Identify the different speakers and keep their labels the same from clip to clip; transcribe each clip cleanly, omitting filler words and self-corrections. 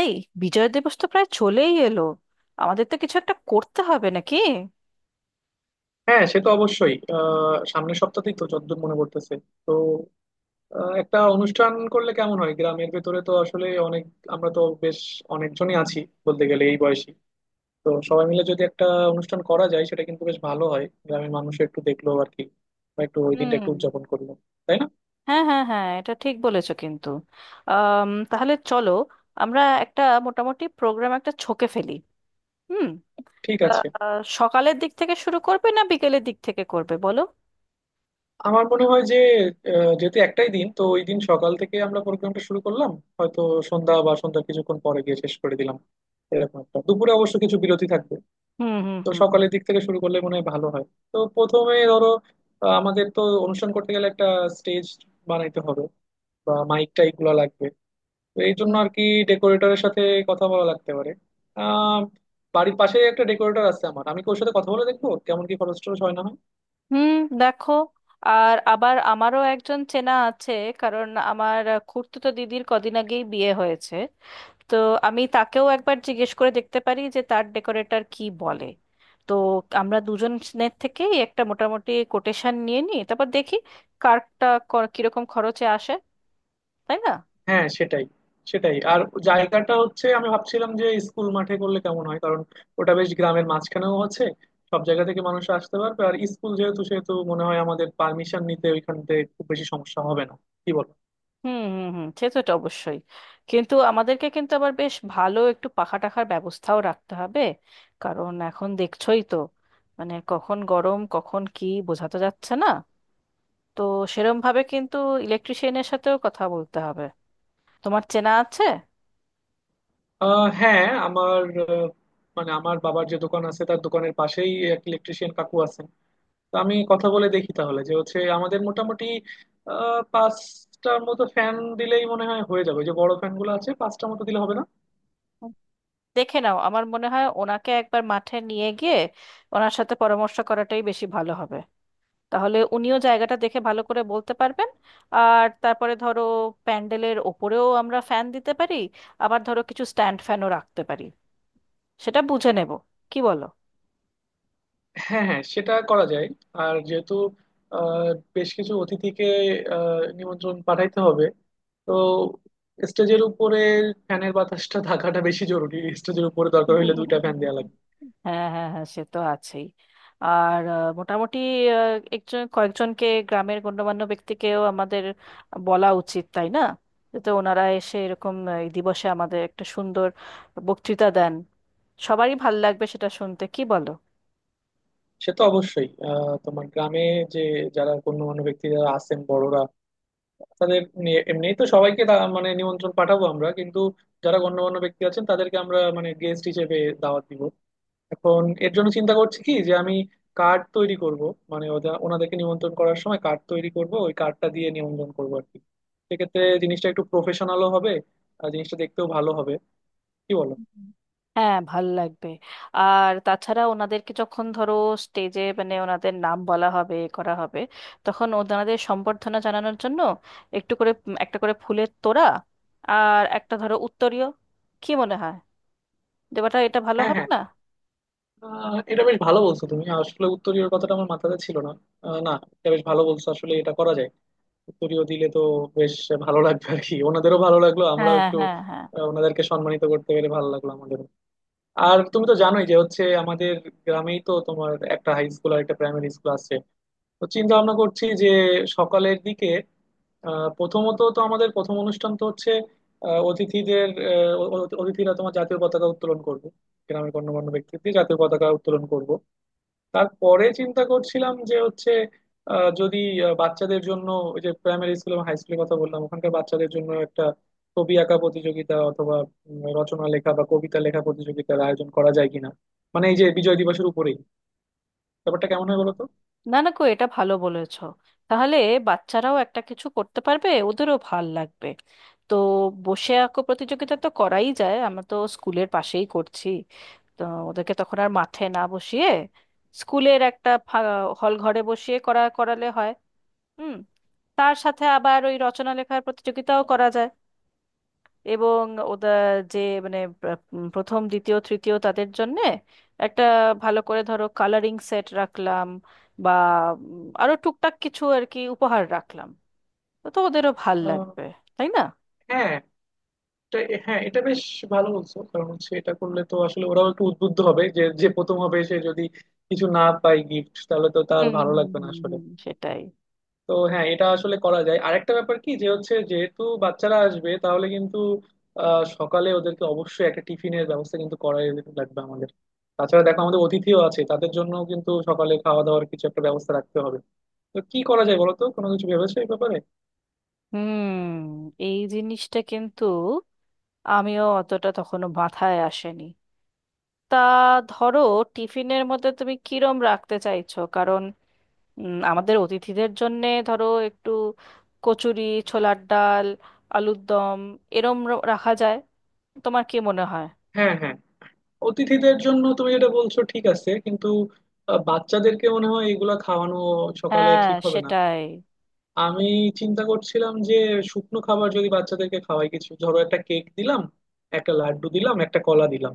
Speaker 1: এই বিজয় দিবস তো প্রায় চলেই এলো। আমাদের তো কিছু একটা করতে হবে নাকি?
Speaker 2: হ্যাঁ, সে তো অবশ্যই। সামনের সপ্তাহেই তো যতদূর মনে করতেছে। তো একটা অনুষ্ঠান করলে কেমন হয়? গ্রামের ভেতরে তো আসলে অনেক আমরা তো বেশ অনেকজনই আছি, বলতে গেলে এই বয়সী। তো সবাই মিলে যদি একটা অনুষ্ঠান করা যায়, সেটা কিন্তু বেশ ভালো হয়। গ্রামের মানুষ একটু দেখলো আর কি, বা একটু ওই দিনটা একটু
Speaker 1: হুম।
Speaker 2: উদযাপন করলো। তাই না?
Speaker 1: হ্যাঁ হ্যাঁ হ্যাঁ, এটা ঠিক বলেছো কিন্তু। তাহলে চলো, আমরা একটা মোটামুটি প্রোগ্রাম একটা ছকে ফেলি। হুম।
Speaker 2: ঠিক
Speaker 1: তা,
Speaker 2: আছে।
Speaker 1: সকালের দিক থেকে শুরু করবে না বিকেলের দিক থেকে করবে বলো?
Speaker 2: আমার মনে হয় যে যেহেতু একটাই দিন, তো ওই দিন সকাল থেকে আমরা প্রোগ্রামটা শুরু করলাম, হয়তো সন্ধ্যা বা সন্ধ্যার কিছুক্ষণ পরে গিয়ে শেষ করে দিলাম, এরকম একটা। দুপুরে অবশ্য কিছু বিরতি থাকবে।
Speaker 1: হুম হুম
Speaker 2: তো
Speaker 1: হুম
Speaker 2: সকালের দিক থেকে শুরু করলে মনে হয় ভালো হয়। তো প্রথমে ধরো, আমাদের তো অনুষ্ঠান করতে গেলে একটা স্টেজ বানাইতে হবে, বা মাইক টাইক গুলো লাগবে। তো এই জন্য
Speaker 1: হুম।
Speaker 2: আর কি ডেকোরেটরের সাথে কথা বলা লাগতে পারে। আহ বাড়ির পাশে একটা ডেকোরেটর আছে আমার, আমি কি ওর সাথে কথা বলে দেখবো কেমন কি খরচ টরচ হয় না হয়?
Speaker 1: হুম। দেখো, আর আবার আমারও একজন চেনা আছে, কারণ আমার খুড়তুতো দিদির কদিন আগেই বিয়ে হয়েছে। তো আমি তাকেও একবার জিজ্ঞেস করে দেখতে পারি যে তার ডেকোরেটর কি বলে। তো আমরা দুজনের থেকেই একটা মোটামুটি কোটেশন নিয়ে নিই, তারপর দেখি কারটা কিরকম খরচে আসে, তাই না?
Speaker 2: হ্যাঁ, সেটাই সেটাই আর জায়গাটা হচ্ছে, আমি ভাবছিলাম যে স্কুল মাঠে করলে কেমন হয়, কারণ ওটা বেশ গ্রামের মাঝখানেও আছে, সব জায়গা থেকে মানুষ আসতে পারবে, আর স্কুল যেহেতু সেহেতু মনে হয় আমাদের পারমিশন নিতে ওইখান থেকে খুব বেশি সমস্যা হবে না। কি বল?
Speaker 1: হুম হুম হুম, সে তো এটা অবশ্যই। কিন্তু আমাদেরকে কিন্তু আবার বেশ ভালো একটু পাখা টাখার ব্যবস্থাও রাখতে হবে। কারণ এখন দেখছোই তো, মানে কখন গরম কখন কি বোঝা তো যাচ্ছে না। তো সেরম ভাবে কিন্তু ইলেকট্রিশিয়ানের সাথেও কথা বলতে হবে। তোমার চেনা আছে?
Speaker 2: হ্যাঁ, আমার মানে আমার বাবার যে দোকান আছে তার দোকানের পাশেই এক ইলেকট্রিশিয়ান কাকু আছেন। তো আমি কথা বলে দেখি তাহলে, যে হচ্ছে আমাদের মোটামুটি পাঁচটার মতো ফ্যান দিলেই মনে হয় হয়ে যাবে। ওই যে বড় ফ্যান গুলো আছে, পাঁচটার মতো দিলে হবে না?
Speaker 1: দেখে নাও, আমার মনে হয় ওনাকে একবার মাঠে নিয়ে গিয়ে ওনার সাথে পরামর্শ করাটাই বেশি ভালো হবে। তাহলে উনিও জায়গাটা দেখে ভালো করে বলতে পারবেন। আর তারপরে ধরো প্যান্ডেলের ওপরেও আমরা ফ্যান দিতে পারি। আবার ধরো কিছু স্ট্যান্ড ফ্যানও রাখতে পারি। সেটা বুঝে নেব, কি বলো?
Speaker 2: হ্যাঁ হ্যাঁ, সেটা করা যায়। আর যেহেতু আহ, বেশ কিছু অতিথিকে নিমন্ত্রণ পাঠাইতে হবে, তো স্টেজের উপরে ফ্যানের বাতাসটা থাকাটা বেশি জরুরি, স্টেজের উপরে দরকার হলে দুইটা ফ্যান দেওয়া লাগবে।
Speaker 1: হ্যাঁ হ্যাঁ হ্যাঁ, সে তো আছেই। আর মোটামুটি একজন কয়েকজনকে গ্রামের গণ্যমান্য ব্যক্তিকেও আমাদের বলা উচিত, তাই না? যাতে ওনারা এসে এরকম এই দিবসে আমাদের একটা সুন্দর বক্তৃতা দেন। সবারই ভাল লাগবে সেটা শুনতে, কি বলো?
Speaker 2: সে তো অবশ্যই। তোমার গ্রামে যে যারা গণ্যমান্য ব্যক্তি যারা আছেন, বড়রা, তাদের নিয়ে এমনিই তো সবাইকে মানে নিমন্ত্রণ পাঠাবো আমরা, কিন্তু যারা গণ্যমান্য ব্যক্তি আছেন তাদেরকে আমরা মানে গেস্ট হিসেবে দাওয়াত দিব। এখন এর জন্য চিন্তা করছি কি, যে আমি কার্ড তৈরি করব। মানে ওদের ওনাদেরকে নিমন্ত্রণ করার সময় কার্ড তৈরি করব, ওই কার্ডটা দিয়ে নিমন্ত্রণ করবো আর কি। সেক্ষেত্রে জিনিসটা একটু প্রফেশনালও হবে, আর জিনিসটা দেখতেও ভালো হবে। কি বলো?
Speaker 1: হুম। হ্যাঁ, ভাল লাগবে। আর তাছাড়া ওনাদেরকে যখন ধরো স্টেজে মানে ওনাদের নাম বলা হবে, এ করা হবে, তখন ওনাদের সম্বর্ধনা জানানোর জন্য একটু করে একটা করে ফুলের তোড়া আর একটা ধরো উত্তরীয়, কি মনে হয়? দেবাটা এটা ভালো
Speaker 2: হ্যাঁ
Speaker 1: হবে
Speaker 2: হ্যাঁ।
Speaker 1: না?
Speaker 2: এটা বেশ ভালো বলছো তুমি, আসলে উত্তরীয় কথাটা আমার মাথাতে ছিল না। না, এটা বেশ ভালো বলছো। আসলে এটা করা যায়, উত্তরীয় দিলে তো বেশ ভালো লাগবে আর কি। ওনাদেরও ভালো লাগলো, আমরাও
Speaker 1: হ্যাঁ
Speaker 2: একটু
Speaker 1: হ্যাঁ হ্যাঁ।
Speaker 2: ওনাদেরকে সম্মানিত করতে পেরে ভালো লাগলো আমাদের। আর তুমি তো জানোই যে হচ্ছে আমাদের গ্রামেই তো তোমার একটা হাই স্কুল আর একটা প্রাইমারি স্কুল আছে। তো চিন্তা ভাবনা করছি যে সকালের দিকে প্রথমত তো আমাদের প্রথম অনুষ্ঠান তো হচ্ছে অতিথিদের, অতিথিরা তোমার জাতীয় পতাকা উত্তোলন করবে, গ্রামের গণ্যমান্য ব্যক্তিদের জাতীয় পতাকা উত্তোলন করব। তারপরে চিন্তা করছিলাম যে হচ্ছে যদি বাচ্চাদের জন্য, ওই যে প্রাইমারি স্কুল এবং হাই স্কুলের কথা বললাম, ওখানকার বাচ্চাদের জন্য একটা ছবি আঁকা প্রতিযোগিতা অথবা রচনা লেখা বা কবিতা লেখা প্রতিযোগিতার আয়োজন করা যায় কিনা, মানে এই যে বিজয় দিবসের উপরেই। ব্যাপারটা কেমন হয় বলতো?
Speaker 1: না না কো, এটা ভালো বলেছো। তাহলে বাচ্চারাও একটা কিছু করতে পারবে, ওদেরও ভাল লাগবে। তো বসে আঁকো প্রতিযোগিতা তো করাই যায়, আমরা তো স্কুলের পাশেই করছি। তো ওদেরকে তখন আর মাঠে না বসিয়ে স্কুলের একটা হল ঘরে বসিয়ে করা করালে হয়। হুম। তার সাথে আবার ওই রচনা লেখার প্রতিযোগিতাও করা যায়। এবং ওদের যে মানে প্রথম দ্বিতীয় তৃতীয় তাদের জন্যে একটা ভালো করে ধরো কালারিং সেট রাখলাম। বা আরো টুকটাক কিছু আর কি উপহার রাখলাম। তো তো ওদেরও ভাল
Speaker 2: আহ,
Speaker 1: লাগবে, তাই না?
Speaker 2: হ্যাঁ এটা হ্যাঁ, এটা বেশ ভালো বলছো, কারণ হচ্ছে এটা করলে তো আসলে ওরাও একটু উদ্বুদ্ধ হবে, যে যে প্রথম হবে সে যদি কিছু না পায় গিফট, তাহলে তো তার
Speaker 1: হুম
Speaker 2: ভালো
Speaker 1: হুম,
Speaker 2: লাগবে না
Speaker 1: হুম,
Speaker 2: আসলে।
Speaker 1: হুম, সেটাই।
Speaker 2: তো হ্যাঁ, এটা আসলে করা যায়। আরেকটা ব্যাপার কি, যে হচ্ছে যেহেতু বাচ্চারা আসবে তাহলে কিন্তু সকালে ওদেরকে অবশ্যই একটা টিফিনের ব্যবস্থা কিন্তু করাই লাগবে আমাদের। তাছাড়া দেখো আমাদের অতিথিও আছে, তাদের জন্য কিন্তু সকালে খাওয়া দাওয়ার কিছু একটা ব্যবস্থা রাখতে হবে। তো কি করা যায় বলো তো, কোনো কিছু ভেবেছো এই ব্যাপারে?
Speaker 1: হুম। এই জিনিসটা কিন্তু আমিও অতটা তখনো মাথায় আসেনি। তা ধরো টিফিনের মধ্যে তুমি কিরম রাখতে চাইছো? আমাদের অতিথিদের জন্যে ধরো একটু কচুরি, ছোলার ডাল, আলুর দম, এরম রাখা যায়, তোমার কি মনে হয়?
Speaker 2: হ্যাঁ হ্যাঁ, অতিথিদের জন্য তুমি যেটা বলছো ঠিক আছে, কিন্তু বাচ্চাদেরকে মনে হয় এগুলা খাওয়ানো সকালে
Speaker 1: হ্যাঁ
Speaker 2: ঠিক হবে না।
Speaker 1: সেটাই।
Speaker 2: আমি চিন্তা করছিলাম যে শুকনো খাবার যদি বাচ্চাদেরকে খাওয়াই, কিছু ধরো একটা কেক দিলাম, একটা লাড্ডু দিলাম, একটা কলা দিলাম,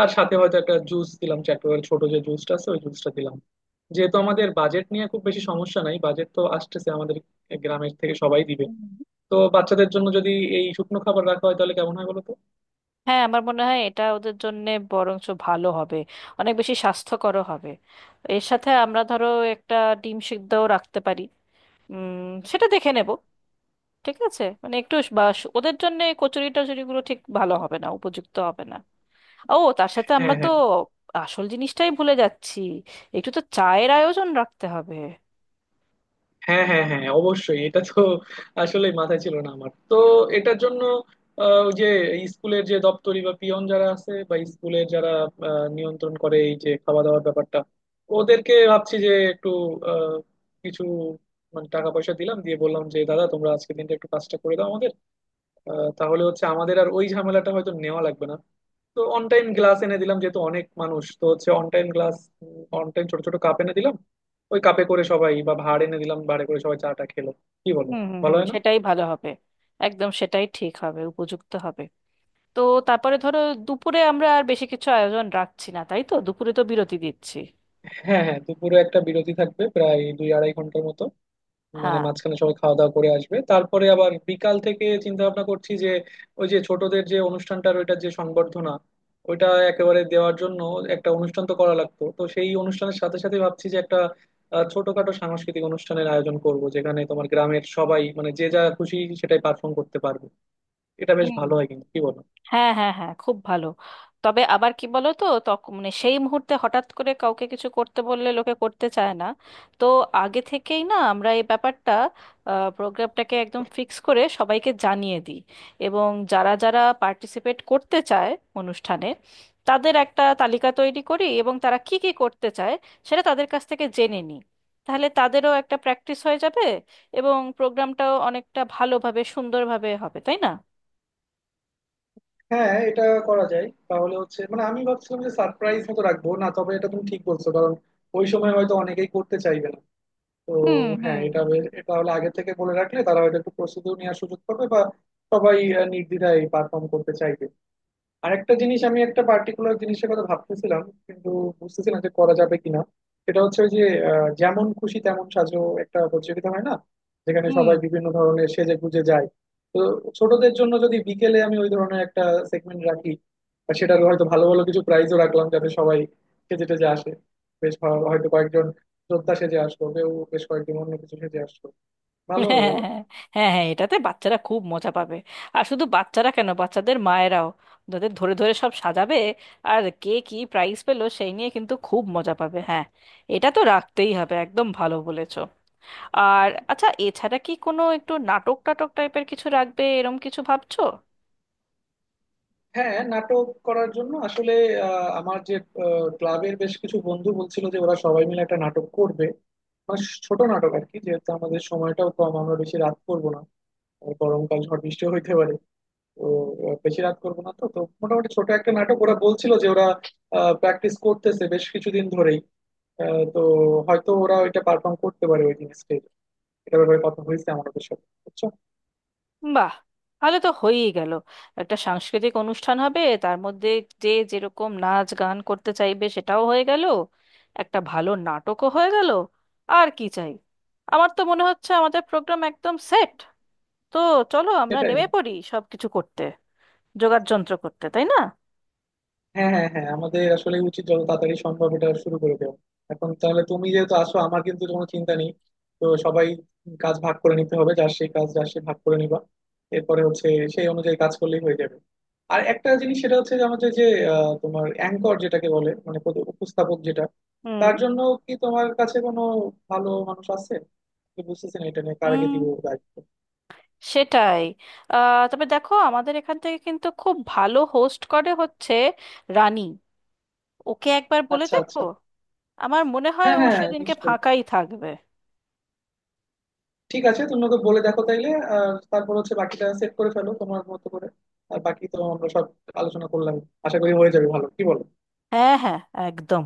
Speaker 2: আর সাথে হয়তো একটা জুস দিলাম, চ্যাটোয়াল ছোট যে জুসটা আছে ওই জুসটা দিলাম। যেহেতু আমাদের বাজেট নিয়ে খুব বেশি সমস্যা নাই, বাজেট তো আসতেছে আমাদের গ্রামের থেকে, সবাই দিবে।
Speaker 1: হুম।
Speaker 2: তো বাচ্চাদের জন্য যদি এই শুকনো খাবার রাখা হয় তাহলে কেমন হয় বলো তো?
Speaker 1: হ্যাঁ, আমার মনে হয় এটা ওদের জন্যে বরঞ্চ ভালো হবে, অনেক বেশি স্বাস্থ্যকরও হবে। এর সাথে আমরা ধরো একটা ডিম সিদ্ধও রাখতে পারি। উম, সেটা দেখে নেব। ঠিক আছে, মানে একটু বা ওদের জন্য কচুরি টচুরিগুলো ঠিক ভালো হবে না, উপযুক্ত হবে না। ও, তার সাথে আমরা
Speaker 2: হ্যাঁ
Speaker 1: তো
Speaker 2: হ্যাঁ
Speaker 1: আসল জিনিসটাই ভুলে যাচ্ছি। একটু তো চায়ের আয়োজন রাখতে হবে।
Speaker 2: হ্যাঁ হ্যাঁ হ্যাঁ, অবশ্যই। এটা তো আসলে মাথায় ছিল না আমার তো। এটার জন্য ওই যে স্কুলের যে দপ্তরি বা পিয়ন যারা আছে, বা স্কুলের যারা নিয়ন্ত্রণ করে এই যে খাওয়া দাওয়ার ব্যাপারটা, ওদেরকে ভাবছি যে একটু আহ, কিছু মানে টাকা পয়সা দিলাম, দিয়ে বললাম যে দাদা তোমরা আজকে দিনটা একটু কাজটা করে দাও আমাদের। তাহলে হচ্ছে আমাদের আর ওই ঝামেলাটা হয়তো নেওয়া লাগবে না। তো অন টাইম গ্লাস এনে দিলাম, যেহেতু অনেক মানুষ, তো হচ্ছে one time glass, one time ছোট ছোট কাপ এনে দিলাম, ওই কাপে করে সবাই, বা ভাঁড় এনে দিলাম ভাঁড়ে করে সবাই চাটা খেলো। কি বলো,
Speaker 1: হুম হুম
Speaker 2: ভালো
Speaker 1: হুম,
Speaker 2: হয় না?
Speaker 1: সেটাই ভালো হবে। একদম সেটাই ঠিক হবে, উপযুক্ত হবে। তো তারপরে ধরো দুপুরে আমরা আর বেশি কিছু আয়োজন রাখছি না, তাই তো দুপুরে তো বিরতি দিচ্ছি।
Speaker 2: হ্যাঁ হ্যাঁ, দুপুরে একটা বিরতি থাকবে প্রায় দুই আড়াই ঘন্টার মতো। মানে
Speaker 1: হ্যাঁ
Speaker 2: মাঝখানে সবাই খাওয়া দাওয়া করে আসবে, তারপরে আবার বিকাল থেকে চিন্তা ভাবনা করছি যে ওই যে ছোটদের যে অনুষ্ঠানটা, ওইটার যে সংবর্ধনা, ওইটা একেবারে দেওয়ার জন্য একটা অনুষ্ঠান তো করা লাগতো, তো সেই অনুষ্ঠানের সাথে সাথে ভাবছি যে একটা ছোটখাটো সাংস্কৃতিক অনুষ্ঠানের আয়োজন করব, যেখানে তোমার গ্রামের সবাই মানে যে যা খুশি সেটাই পারফর্ম করতে পারবে। এটা বেশ ভালো হয় কিন্তু, কি বলো?
Speaker 1: হ্যাঁ হ্যাঁ হ্যাঁ, খুব ভালো। তবে আবার কি বলো তো, তখন মানে সেই মুহূর্তে হঠাৎ করে কাউকে কিছু করতে বললে লোকে করতে চায় না। তো আগে থেকেই না আমরা এই ব্যাপারটা, প্রোগ্রামটাকে একদম ফিক্স করে সবাইকে জানিয়ে দিই। এবং যারা যারা পার্টিসিপেট করতে চায় অনুষ্ঠানে, তাদের একটা তালিকা তৈরি করি এবং তারা কি কি করতে চায় সেটা তাদের কাছ থেকে জেনে নিই। তাহলে তাদেরও একটা প্র্যাকটিস হয়ে যাবে এবং প্রোগ্রামটাও অনেকটা ভালোভাবে সুন্দরভাবে হবে, তাই না?
Speaker 2: হ্যাঁ, এটা করা যায় তাহলে। হচ্ছে মানে আমি ভাবছিলাম যে সারপ্রাইজ মতো রাখবো না, তবে এটা তুমি ঠিক বলছো, কারণ ওই সময় হয়তো অনেকেই করতে চাইবে না। তো
Speaker 1: হুম হুম
Speaker 2: হ্যাঁ,
Speaker 1: হুম।
Speaker 2: এটা হলে আগে থেকে বলে রাখলে তারা হয়তো একটু প্রস্তুতিও নেওয়ার সুযোগ পাবে, বা সবাই নির্দ্বিধায় পারফর্ম করতে চাইবে। আরেকটা জিনিস, আমি একটা পার্টিকুলার জিনিসের কথা ভাবতেছিলাম, কিন্তু বুঝতেছি না যে করা যাবে কিনা। সেটা হচ্ছে ওই যে যেমন খুশি তেমন সাজো, একটা প্রতিযোগিতা হয় না, যেখানে
Speaker 1: হুম।
Speaker 2: সবাই বিভিন্ন ধরনের সেজে গুজে যায়। তো ছোটদের জন্য যদি বিকেলে আমি ওই ধরনের একটা সেগমেন্ট রাখি, আর সেটা হয়তো ভালো ভালো কিছু প্রাইজও রাখলাম, যাতে সবাই সেজে টেজে আসে। বেশ ভালো, হয়তো কয়েকজন যোদ্ধা সেজে আসলো, কেউ বেশ কয়েকজন অন্য কিছু সেজে আসলো। ভালো হবে
Speaker 1: হ্যাঁ
Speaker 2: বলো?
Speaker 1: হ্যাঁ হ্যাঁ, এটাতে বাচ্চারা খুব মজা পাবে। আর শুধু বাচ্চারা কেন, বাচ্চাদের মায়েরাও তাদের ধরে ধরে সব সাজাবে। আর কে কি প্রাইজ পেলো সেই নিয়ে কিন্তু খুব মজা পাবে। হ্যাঁ, এটা তো রাখতেই হবে, একদম ভালো বলেছো। আর আচ্ছা, এছাড়া কি কোনো একটু নাটক টাটক টাইপের কিছু রাখবে, এরম কিছু ভাবছো?
Speaker 2: হ্যাঁ, নাটক করার জন্য আসলে আমার যে ক্লাবের বেশ কিছু বন্ধু বলছিল যে ওরা সবাই মিলে একটা নাটক করবে, মানে ছোট নাটক আর কি। যেহেতু আমাদের সময়টাও কম, আমরা বেশি রাত করবো না, আর গরমকাল ঝড় বৃষ্টিও হইতে পারে। তো বেশি রাত করবো না, তো তো মোটামুটি ছোট একটা নাটক ওরা বলছিল যে ওরা প্র্যাকটিস করতেছে বেশ কিছুদিন ধরেই। তো হয়তো ওরা ওইটা পারফর্ম করতে পারে ওই দিন স্টেজে। এটা ব্যাপারে কথা হয়েছে আমাদের সাথে, বুঝছো?
Speaker 1: বাহ, তাহলে তো হয়েই গেল। একটা সাংস্কৃতিক অনুষ্ঠান হবে তার মধ্যে যে যেরকম নাচ গান করতে চাইবে সেটাও হয়ে গেল, একটা ভালো নাটকও হয়ে গেল। আর কি চাই? আমার তো মনে হচ্ছে আমাদের প্রোগ্রাম একদম সেট। তো চলো আমরা
Speaker 2: সেটাই।
Speaker 1: নেমে পড়ি সব কিছু করতে, যোগাড় যন্ত্র করতে, তাই না?
Speaker 2: হ্যাঁ হ্যাঁ হ্যাঁ, আমাদের আসলে উচিত যত তাড়াতাড়ি সম্ভব এটা শুরু করে দেওয়া। এখন তাহলে তুমি যেহেতু আসো, আমার কিন্তু কোনো চিন্তা নেই। তো সবাই কাজ ভাগ করে নিতে হবে, যার সেই কাজ, যার সে ভাগ করে নিবা, এরপরে হচ্ছে সেই অনুযায়ী কাজ করলেই হয়ে যাবে। আর একটা জিনিস, সেটা হচ্ছে যে আমাদের যে তোমার অ্যাঙ্কর যেটাকে বলে, মানে উপস্থাপক যেটা,
Speaker 1: হুম
Speaker 2: তার জন্য কি তোমার কাছে কোনো ভালো মানুষ আছে? আমি বুঝতেছি না এটা নিয়ে কার আগে
Speaker 1: হুম,
Speaker 2: দিব দায়িত্ব।
Speaker 1: সেটাই। তবে দেখো আমাদের এখান থেকে কিন্তু খুব ভালো হোস্ট করে হচ্ছে রানী। ওকে একবার বলে
Speaker 2: আচ্ছা
Speaker 1: দেখবো।
Speaker 2: আচ্ছা।
Speaker 1: আমার মনে হয়
Speaker 2: হ্যাঁ
Speaker 1: ও
Speaker 2: হ্যাঁ,
Speaker 1: সেদিনকে
Speaker 2: নিশ্চয়ই।
Speaker 1: ফাঁকাই থাকবে।
Speaker 2: ঠিক আছে, তুমি ওকে বলে দেখো তাইলে। আর তারপর হচ্ছে বাকিটা সেট করে ফেলো তোমার মতো করে, আর বাকি তো আমরা সব আলোচনা করলাম। আশা করি হয়ে যাবে ভালো, কি বলো?
Speaker 1: হ্যাঁ হ্যাঁ, একদম।